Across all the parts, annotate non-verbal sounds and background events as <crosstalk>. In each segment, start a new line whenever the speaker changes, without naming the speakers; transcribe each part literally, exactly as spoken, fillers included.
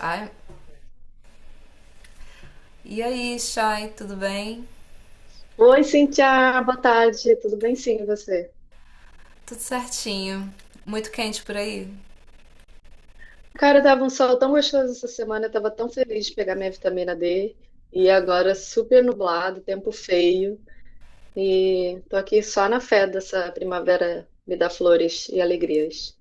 Ai, e aí, Chay, tudo bem?
Oi, Cintia, boa tarde. Tudo bem, sim, e você?
Tudo certinho. Muito quente por aí?
Cara, tava um sol tão gostoso essa semana, eu tava tão feliz de pegar minha vitamina D e agora super nublado, tempo feio e tô aqui só na fé dessa primavera me dá flores e alegrias.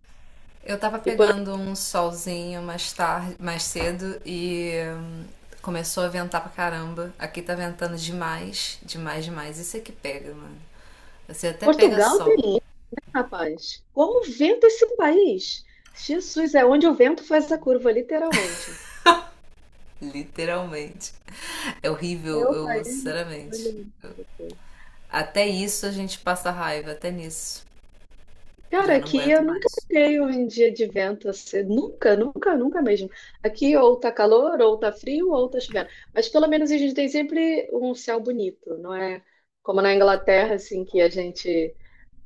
Eu tava
E por
pegando um solzinho mais tarde, mais cedo e hum, começou a ventar pra caramba. Aqui tá ventando demais, demais, demais. Isso é que pega, mano. Você até pega
Portugal tem
sol,
isso, rapaz. Como venta esse país? Jesus, é onde o vento faz a curva, literalmente.
<laughs> literalmente. É
É
horrível,
o
eu,
país.
sinceramente. Até isso a gente passa raiva, até nisso.
Cara,
Já não
aqui eu
aguento
nunca
mais.
peguei um dia de vento assim, nunca, nunca, nunca mesmo. Aqui ou tá calor, ou tá frio, ou tá chovendo. Mas pelo menos a gente tem sempre um céu bonito, não é como na Inglaterra, assim, que a gente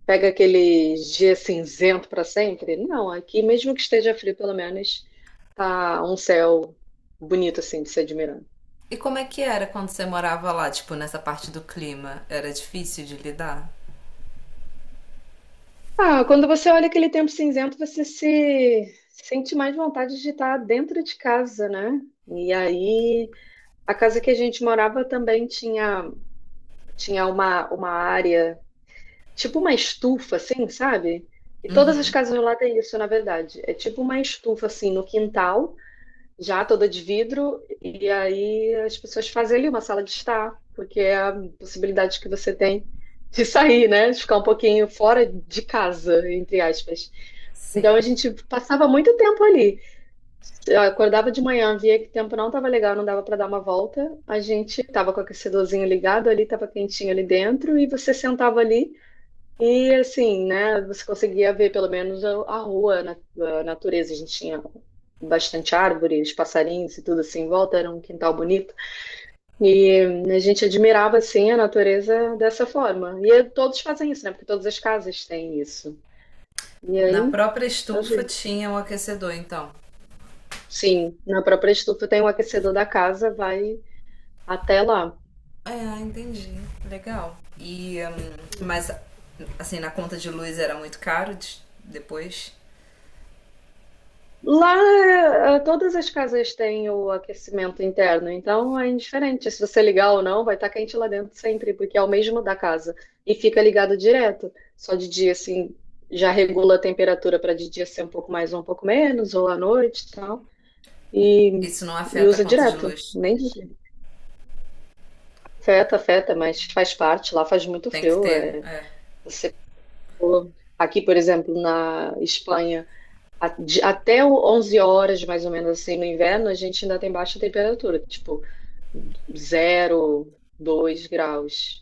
pega aquele dia cinzento para sempre. Não, aqui mesmo que esteja frio, pelo menos tá um céu bonito, assim, de se admirar.
E como é que era quando você morava lá, tipo, nessa parte do clima? Era difícil de lidar?
Ah, quando você olha aquele tempo cinzento, você se sente mais vontade de estar dentro de casa, né? E aí. A casa que a gente morava também tinha, tinha uma, uma área, tipo uma estufa, assim, sabe? E todas as
Uhum,
casas lá têm isso, na verdade. É tipo uma estufa, assim, no quintal, já toda de vidro, e aí as pessoas fazem ali uma sala de estar, porque é a possibilidade que você tem de sair, né? De ficar um pouquinho fora de casa, entre aspas.
sim.
Então a gente passava muito tempo ali. Eu acordava de manhã, via que o tempo não tava legal, não dava para dar uma volta. A gente tava com o aquecedorzinho ligado ali, tava quentinho ali dentro, e você sentava ali e assim, né? Você conseguia ver pelo menos a, a rua, na- a natureza. A gente tinha bastante árvores, passarinhos e tudo assim em volta, era um quintal bonito. E a gente admirava assim a natureza dessa forma. E todos fazem isso, né? Porque todas as casas têm isso. E
Na
aí,
própria
eu
estufa
digo,
tinha um aquecedor, então.
sim, na própria estufa tem um aquecedor da casa, vai até lá.
Ah, entendi. Legal. E, hum,
Hum.
mas, assim, na conta de luz era muito caro de- depois?
Lá, eh, todas as casas têm o aquecimento interno, então é indiferente se você ligar ou não, vai estar quente lá dentro sempre, porque é o mesmo da casa. E fica ligado direto. Só de dia, assim, já regula a temperatura para de dia ser um pouco mais ou um pouco menos, ou à noite e tal. E,
Isso não
e
afeta a
usa
conta de
direto.
luz.
Nem afeta, afeta, mas faz parte. Lá faz muito
Tem que
frio.
ter,
É.
é.
Você, pô, aqui, por exemplo, na Espanha. a- de- até o- 11 horas, mais ou menos assim, no inverno, a gente ainda tem baixa temperatura, tipo zero dois graus,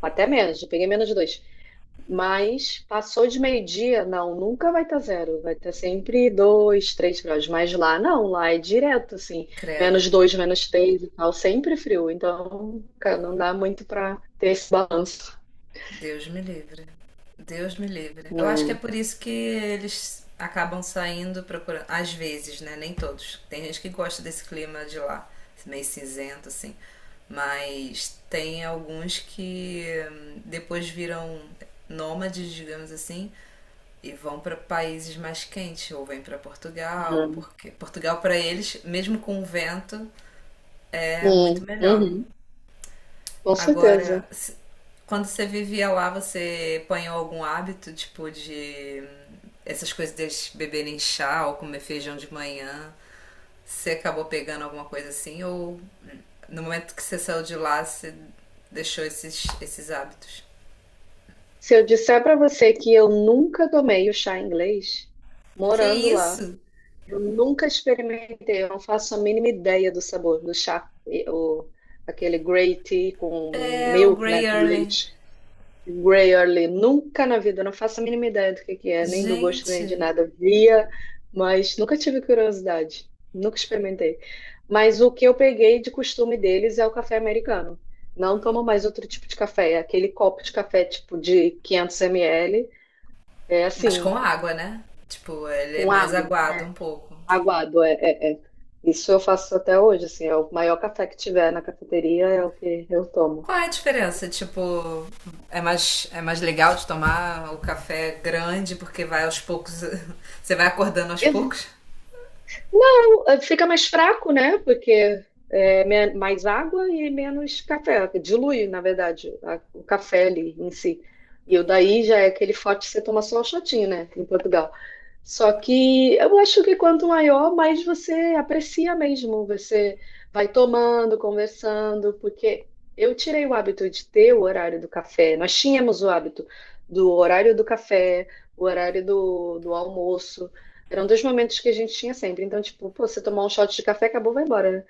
até menos, eu peguei menos de dois. Mas passou de meio-dia, não, nunca vai estar zero, vai estar sempre dois três graus, mas lá não, lá é direto, assim,
Credo.
menos dois menos três e tal, sempre frio, então, cara, não dá muito para ter esse balanço,
Deus me livre. Deus me livre. Eu acho que é
né?
por isso que eles acabam saindo procurando. Às vezes, né? Nem todos. Tem gente que gosta desse clima de lá, meio cinzento, assim. Mas tem alguns que hum, depois viram nômades, digamos assim, e vão para países mais quentes, ou vêm para Portugal,
É.
porque Portugal para eles, mesmo com o vento, é muito
Hum,
melhor.
uhum, com certeza.
Agora, se- quando você vivia lá, você apanhou algum hábito, tipo, de essas coisas deles beberem chá ou comer feijão de manhã? Você acabou pegando alguma coisa assim? Ou no momento que você saiu de lá, você deixou esses, esses hábitos?
Se eu disser para você que eu nunca tomei o chá inglês,
Que
morando lá,
isso?
eu nunca experimentei, eu não faço a mínima ideia do sabor do chá, e- o, aquele grey tea com
É o
milk,
Grey
né, com
Early.
leite. Grey Early, nunca na vida, não faço a mínima ideia do que que é, nem do gosto, nem de
Gente.
nada. Via, mas nunca tive curiosidade, nunca experimentei. Mas o que eu peguei de costume deles é o café americano. Não tomo mais outro tipo de café, é aquele copo de café tipo de quinhentos mililitros, é
Mas com
assim,
água, né? Tipo, ele é
com
mais
água,
aguado
né?
um pouco.
Aguado, é, é, é. Isso eu faço até hoje, assim, é o maior café que tiver na cafeteria, é o que eu tomo.
Qual é a diferença? Tipo, é mais, é mais legal de tomar o café grande porque vai aos poucos, <laughs> você vai acordando aos
E
poucos?
não, eh, fica mais fraco, né? Porque é men- mais água e menos café. Dilui, na verdade, a- o café ali em si. E o daí já é aquele forte que você toma só um shotinho, né? Em Portugal. Só que eu acho que quanto maior, mais você aprecia mesmo. Você vai tomando, conversando, porque eu tirei o hábito de ter o horário do café. Nós tínhamos o hábito do horário do café, o horário do, do almoço. Eram dois momentos que a gente tinha sempre. Então, tipo, pô, você tomar um shot de café, acabou, vai embora, né?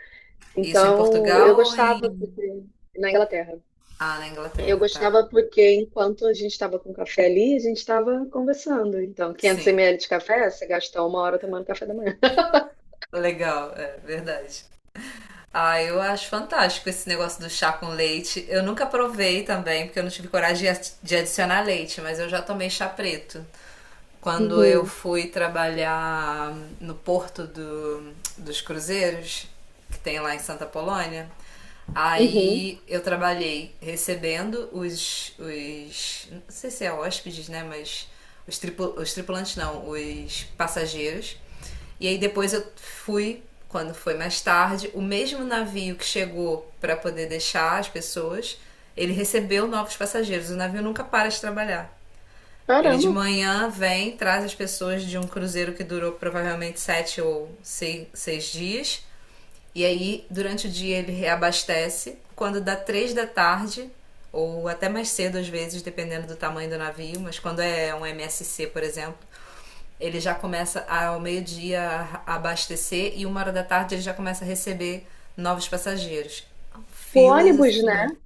Isso em
Então, eu
Portugal ou em.
gostava, porque na Inglaterra.
Ah, na
Eu
Inglaterra, tá.
gostava porque enquanto a gente estava com café ali, a gente estava conversando. Então, 500
Sim,
ml de café, você gastou uma hora tomando café da manhã. <laughs>
legal, é verdade. Ah, eu acho fantástico esse negócio do chá com leite. Eu nunca provei também, porque eu não tive coragem de ad- de adicionar leite, mas eu já tomei chá preto. Quando eu
Uhum.
fui trabalhar no porto do, dos cruzeiros, que tem lá em Santa Polônia,
Uhum.
aí eu trabalhei recebendo os. Os não sei se é hóspedes, né? Mas os, tripu, os tripulantes não, os passageiros. E aí depois eu fui, quando foi mais tarde, o mesmo navio que chegou para poder deixar as pessoas, ele recebeu novos passageiros. O navio nunca para de trabalhar. Ele de
Caramba.
manhã vem, traz as pessoas de um cruzeiro que durou provavelmente sete ou sei- seis dias. E aí, durante o dia, ele reabastece. Quando dá três da tarde, ou até mais cedo às vezes, dependendo do tamanho do navio, mas quando é um M S C, por exemplo, ele já começa ao meio-dia a abastecer e uma hora da tarde ele já começa a receber novos passageiros.
Tipo
Filas
ônibus,
assim
né?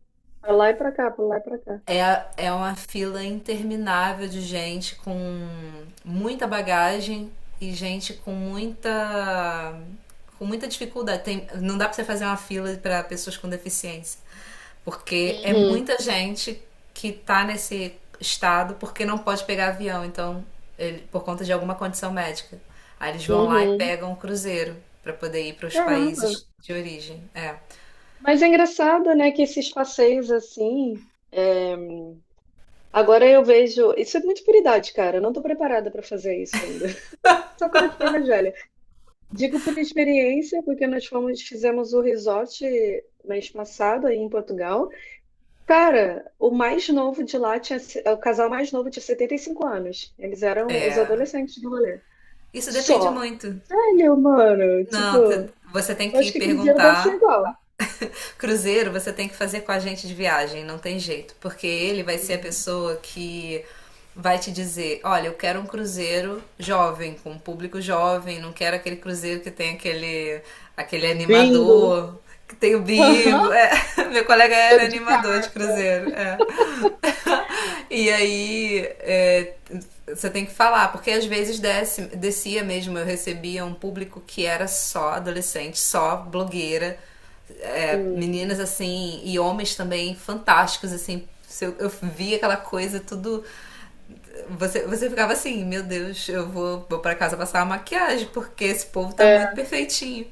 Pra lá e pra cá, pra lá e pra cá.
é, é uma fila interminável de gente com muita bagagem e gente com muita, com muita dificuldade. Tem, não dá pra você fazer uma fila pra pessoas com deficiência, porque é
Uhum.
muita gente que tá nesse estado porque não pode pegar avião, então ele, por conta de alguma condição médica. Aí eles vão lá e
Uhum.
pegam um cruzeiro pra poder ir para os
Caramba.
países de origem. É.
Mas é engraçado, né, que esses passeios assim. É, agora eu vejo. Isso é muito por idade, cara. Eu não tô preparada pra fazer isso ainda. <laughs> Só quando eu tiver mais velha. Digo por experiência, porque nós fomos, fizemos o resort mês passado aí em Portugal. Cara, o mais novo de lá tinha, se- o casal mais novo tinha setenta e cinco anos. Eles eram os
É.
adolescentes do rolê.
Isso depende
Só.
muito.
Olha, mano, tipo,
Não, te-
eu
Você tem
acho
que
que cruzeiro deve ser
perguntar.
igual.
Cruzeiro, você tem que fazer com a gente de viagem, não tem jeito, porque ele vai ser a pessoa que vai te dizer: olha, eu quero um cruzeiro jovem, com um público jovem, não quero aquele cruzeiro que tem aquele, aquele
Bingo.
animador, que tem o bingo.
Aham.
É, <laughs> meu colega era
Jogo de
animador de
carta.
cruzeiro. É. <laughs> E aí é, você tem que falar, porque às vezes desce, descia mesmo, eu recebia um público que era só adolescente, só blogueira, é, meninas
Hum,
assim, e homens também fantásticos, assim. Eu, eu via aquela coisa, tudo. Você, você ficava assim, meu Deus, eu vou, vou para casa passar uma maquiagem, porque esse povo tá
é,
muito perfeitinho.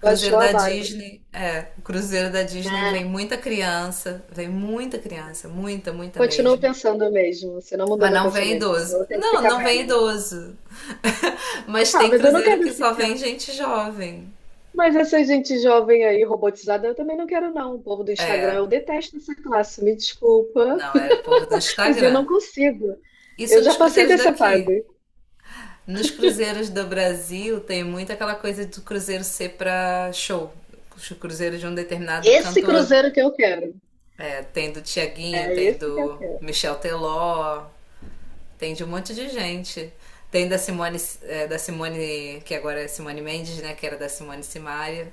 Cruzeiro
a
da
barra.
Disney, é, o Cruzeiro da Disney vem
Ah,
muita criança, vem muita criança, muita, muita
continuo
mesmo.
pensando mesmo. Você não mudou
Mas
meu
não vem
pensamento. Então
idoso.
eu tenho que
Não,
ficar
não vem
velha.
idoso. <laughs> Mas
Ah,
tem
mas eu não
cruzeiro
quero
que só
ficar.
vem gente jovem.
Mas essa gente jovem aí, robotizada, eu também não quero, não. O povo do Instagram, eu detesto essa classe, me desculpa,
Não, era o povo do
<laughs> mas eu não
Instagram.
consigo.
Isso
Eu já
nos
passei
cruzeiros
dessa
daqui.
fase.
Nos cruzeiros do Brasil tem muito aquela coisa do cruzeiro ser pra show. O cruzeiro de um determinado
Esse
cantor.
cruzeiro que eu quero.
É, tem do Tiaguinho,
É
tem
esse que eu
do
quero.
Michel Teló, tem de um monte de gente. Tem da Simone, é, da Simone, que agora é Simone Mendes, né? Que era da Simone Simaria.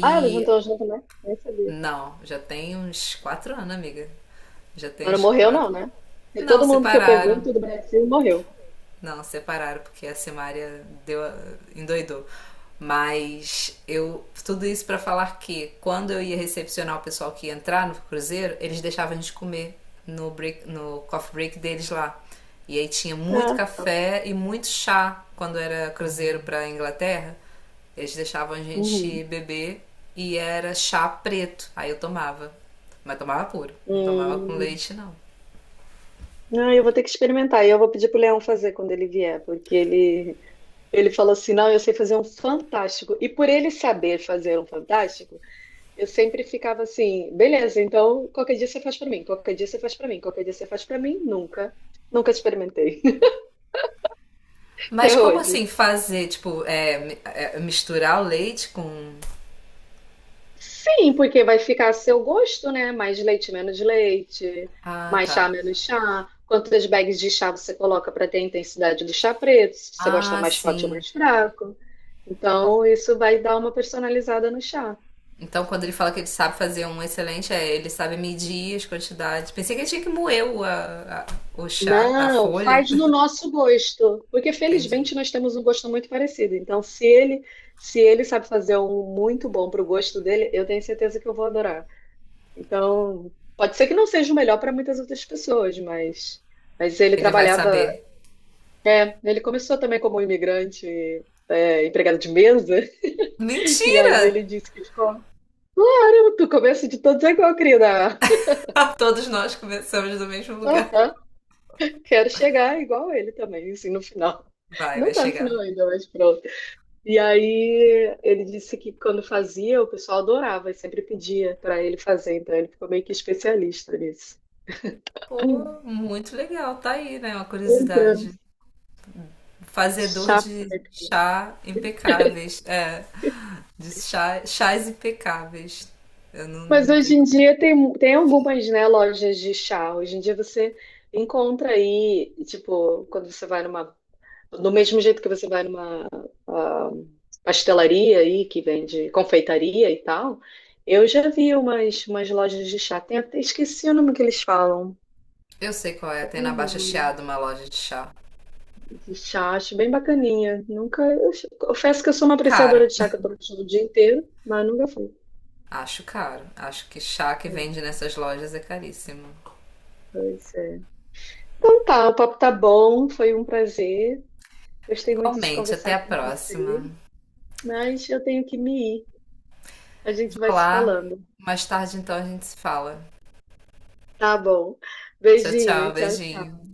Ah, ela juntou junto, né? Nem sabia.
não, já tem uns quatro anos, amiga. Já tem
Mas não
uns
morreu, não,
quatro.
né? Porque
Não,
todo mundo que eu
separaram.
pergunto do Brasil morreu.
Não, separaram, porque a Simária deu, a- endoidou. Mas eu. Tudo isso para falar que quando eu ia recepcionar o pessoal que ia entrar no cruzeiro, eles deixavam a gente comer no, break, no coffee break deles lá. E aí tinha muito
Ah, que tal.
café e muito chá quando era cruzeiro pra Inglaterra. Eles deixavam a gente
Uhum.
beber e era chá preto. Aí eu tomava. Mas tomava puro, não tomava com
Hum.
leite, não.
Ah, eu vou ter que experimentar. E eu vou pedir pro Leão fazer quando ele vier, porque ele, ele falou assim: não, eu sei fazer um fantástico. E por ele saber fazer um fantástico, eu sempre ficava assim, beleza, então qualquer dia você faz pra mim, qualquer dia você faz pra mim, qualquer dia você faz pra mim, nunca, nunca experimentei <laughs>
Mas
até
como
hoje.
assim fazer, tipo, é, mi- é, misturar o leite com.
Sim, porque vai ficar a seu gosto, né? Mais leite, menos leite,
Ah,
mais
tá.
chá, menos chá. Quantas bags de chá você coloca pra ter a intensidade do chá preto, se você gosta
Ah,
mais forte ou
sim.
mais fraco. Então, isso vai dar uma personalizada no chá.
Então quando ele fala que ele sabe fazer um excelente, é, ele sabe medir as quantidades. Pensei que ele tinha que moer o, a- a- o chá, a
Não,
folha.
faz no
<laughs>
nosso gosto, porque
Entendi.
felizmente nós temos um gosto muito parecido. Então, se ele, se ele sabe fazer um muito bom para o gosto dele, eu tenho certeza que eu vou adorar. Então, pode ser que não seja o melhor para muitas outras pessoas, mas, mas ele
Ele vai
trabalhava,
saber.
é, ele começou também como imigrante, é, empregado de mesa, <laughs> e
Mentira!
aí ele disse que ficou, caramba, tu começa de todos é igual, querida.
<laughs> Todos nós começamos do mesmo lugar.
<laughs> Quero chegar igual ele também, assim, no final.
Vai,
Não
vai
tá no final
chegar.
ainda, mas pronto. E aí ele disse que quando fazia, o pessoal adorava e sempre pedia para ele fazer, então ele ficou meio que especialista nisso.
Pô, muito legal, tá aí, né? Uma
Pois é.
curiosidade. Fazedor
Chá
de
preto.
chá impecáveis. É, de chá, chás impecáveis. Eu não,
Mas
não
hoje
tenho.
em dia tem, tem algumas, né, lojas de chá. Hoje em dia você encontra aí, tipo, quando você vai numa. Do mesmo jeito que você vai numa ah, pastelaria aí, que vende confeitaria e tal, eu já vi umas, umas lojas de chá. Tem até esqueci o nome que eles falam.
Eu sei qual é. Tem na Baixa Chiado uma loja de chá.
De chá, acho bem bacaninha. Nunca, eu ch- confesso que eu sou uma apreciadora
Caro.
de chá que eu tomo o dia inteiro, mas nunca fui.
Acho caro. Acho que chá que
É,
vende nessas lojas é caríssimo.
pois é. Então tá, o papo tá bom, foi um prazer. Gostei muito de
Igualmente, até
conversar
a
com
próxima.
você, mas eu tenho que me ir. A gente vai
Vá
se
lá.
falando.
Mais tarde, então, a gente se fala.
Tá bom.
Tchau,
Beijinho,
tchau.
tchau,
Beijinho.
tchau.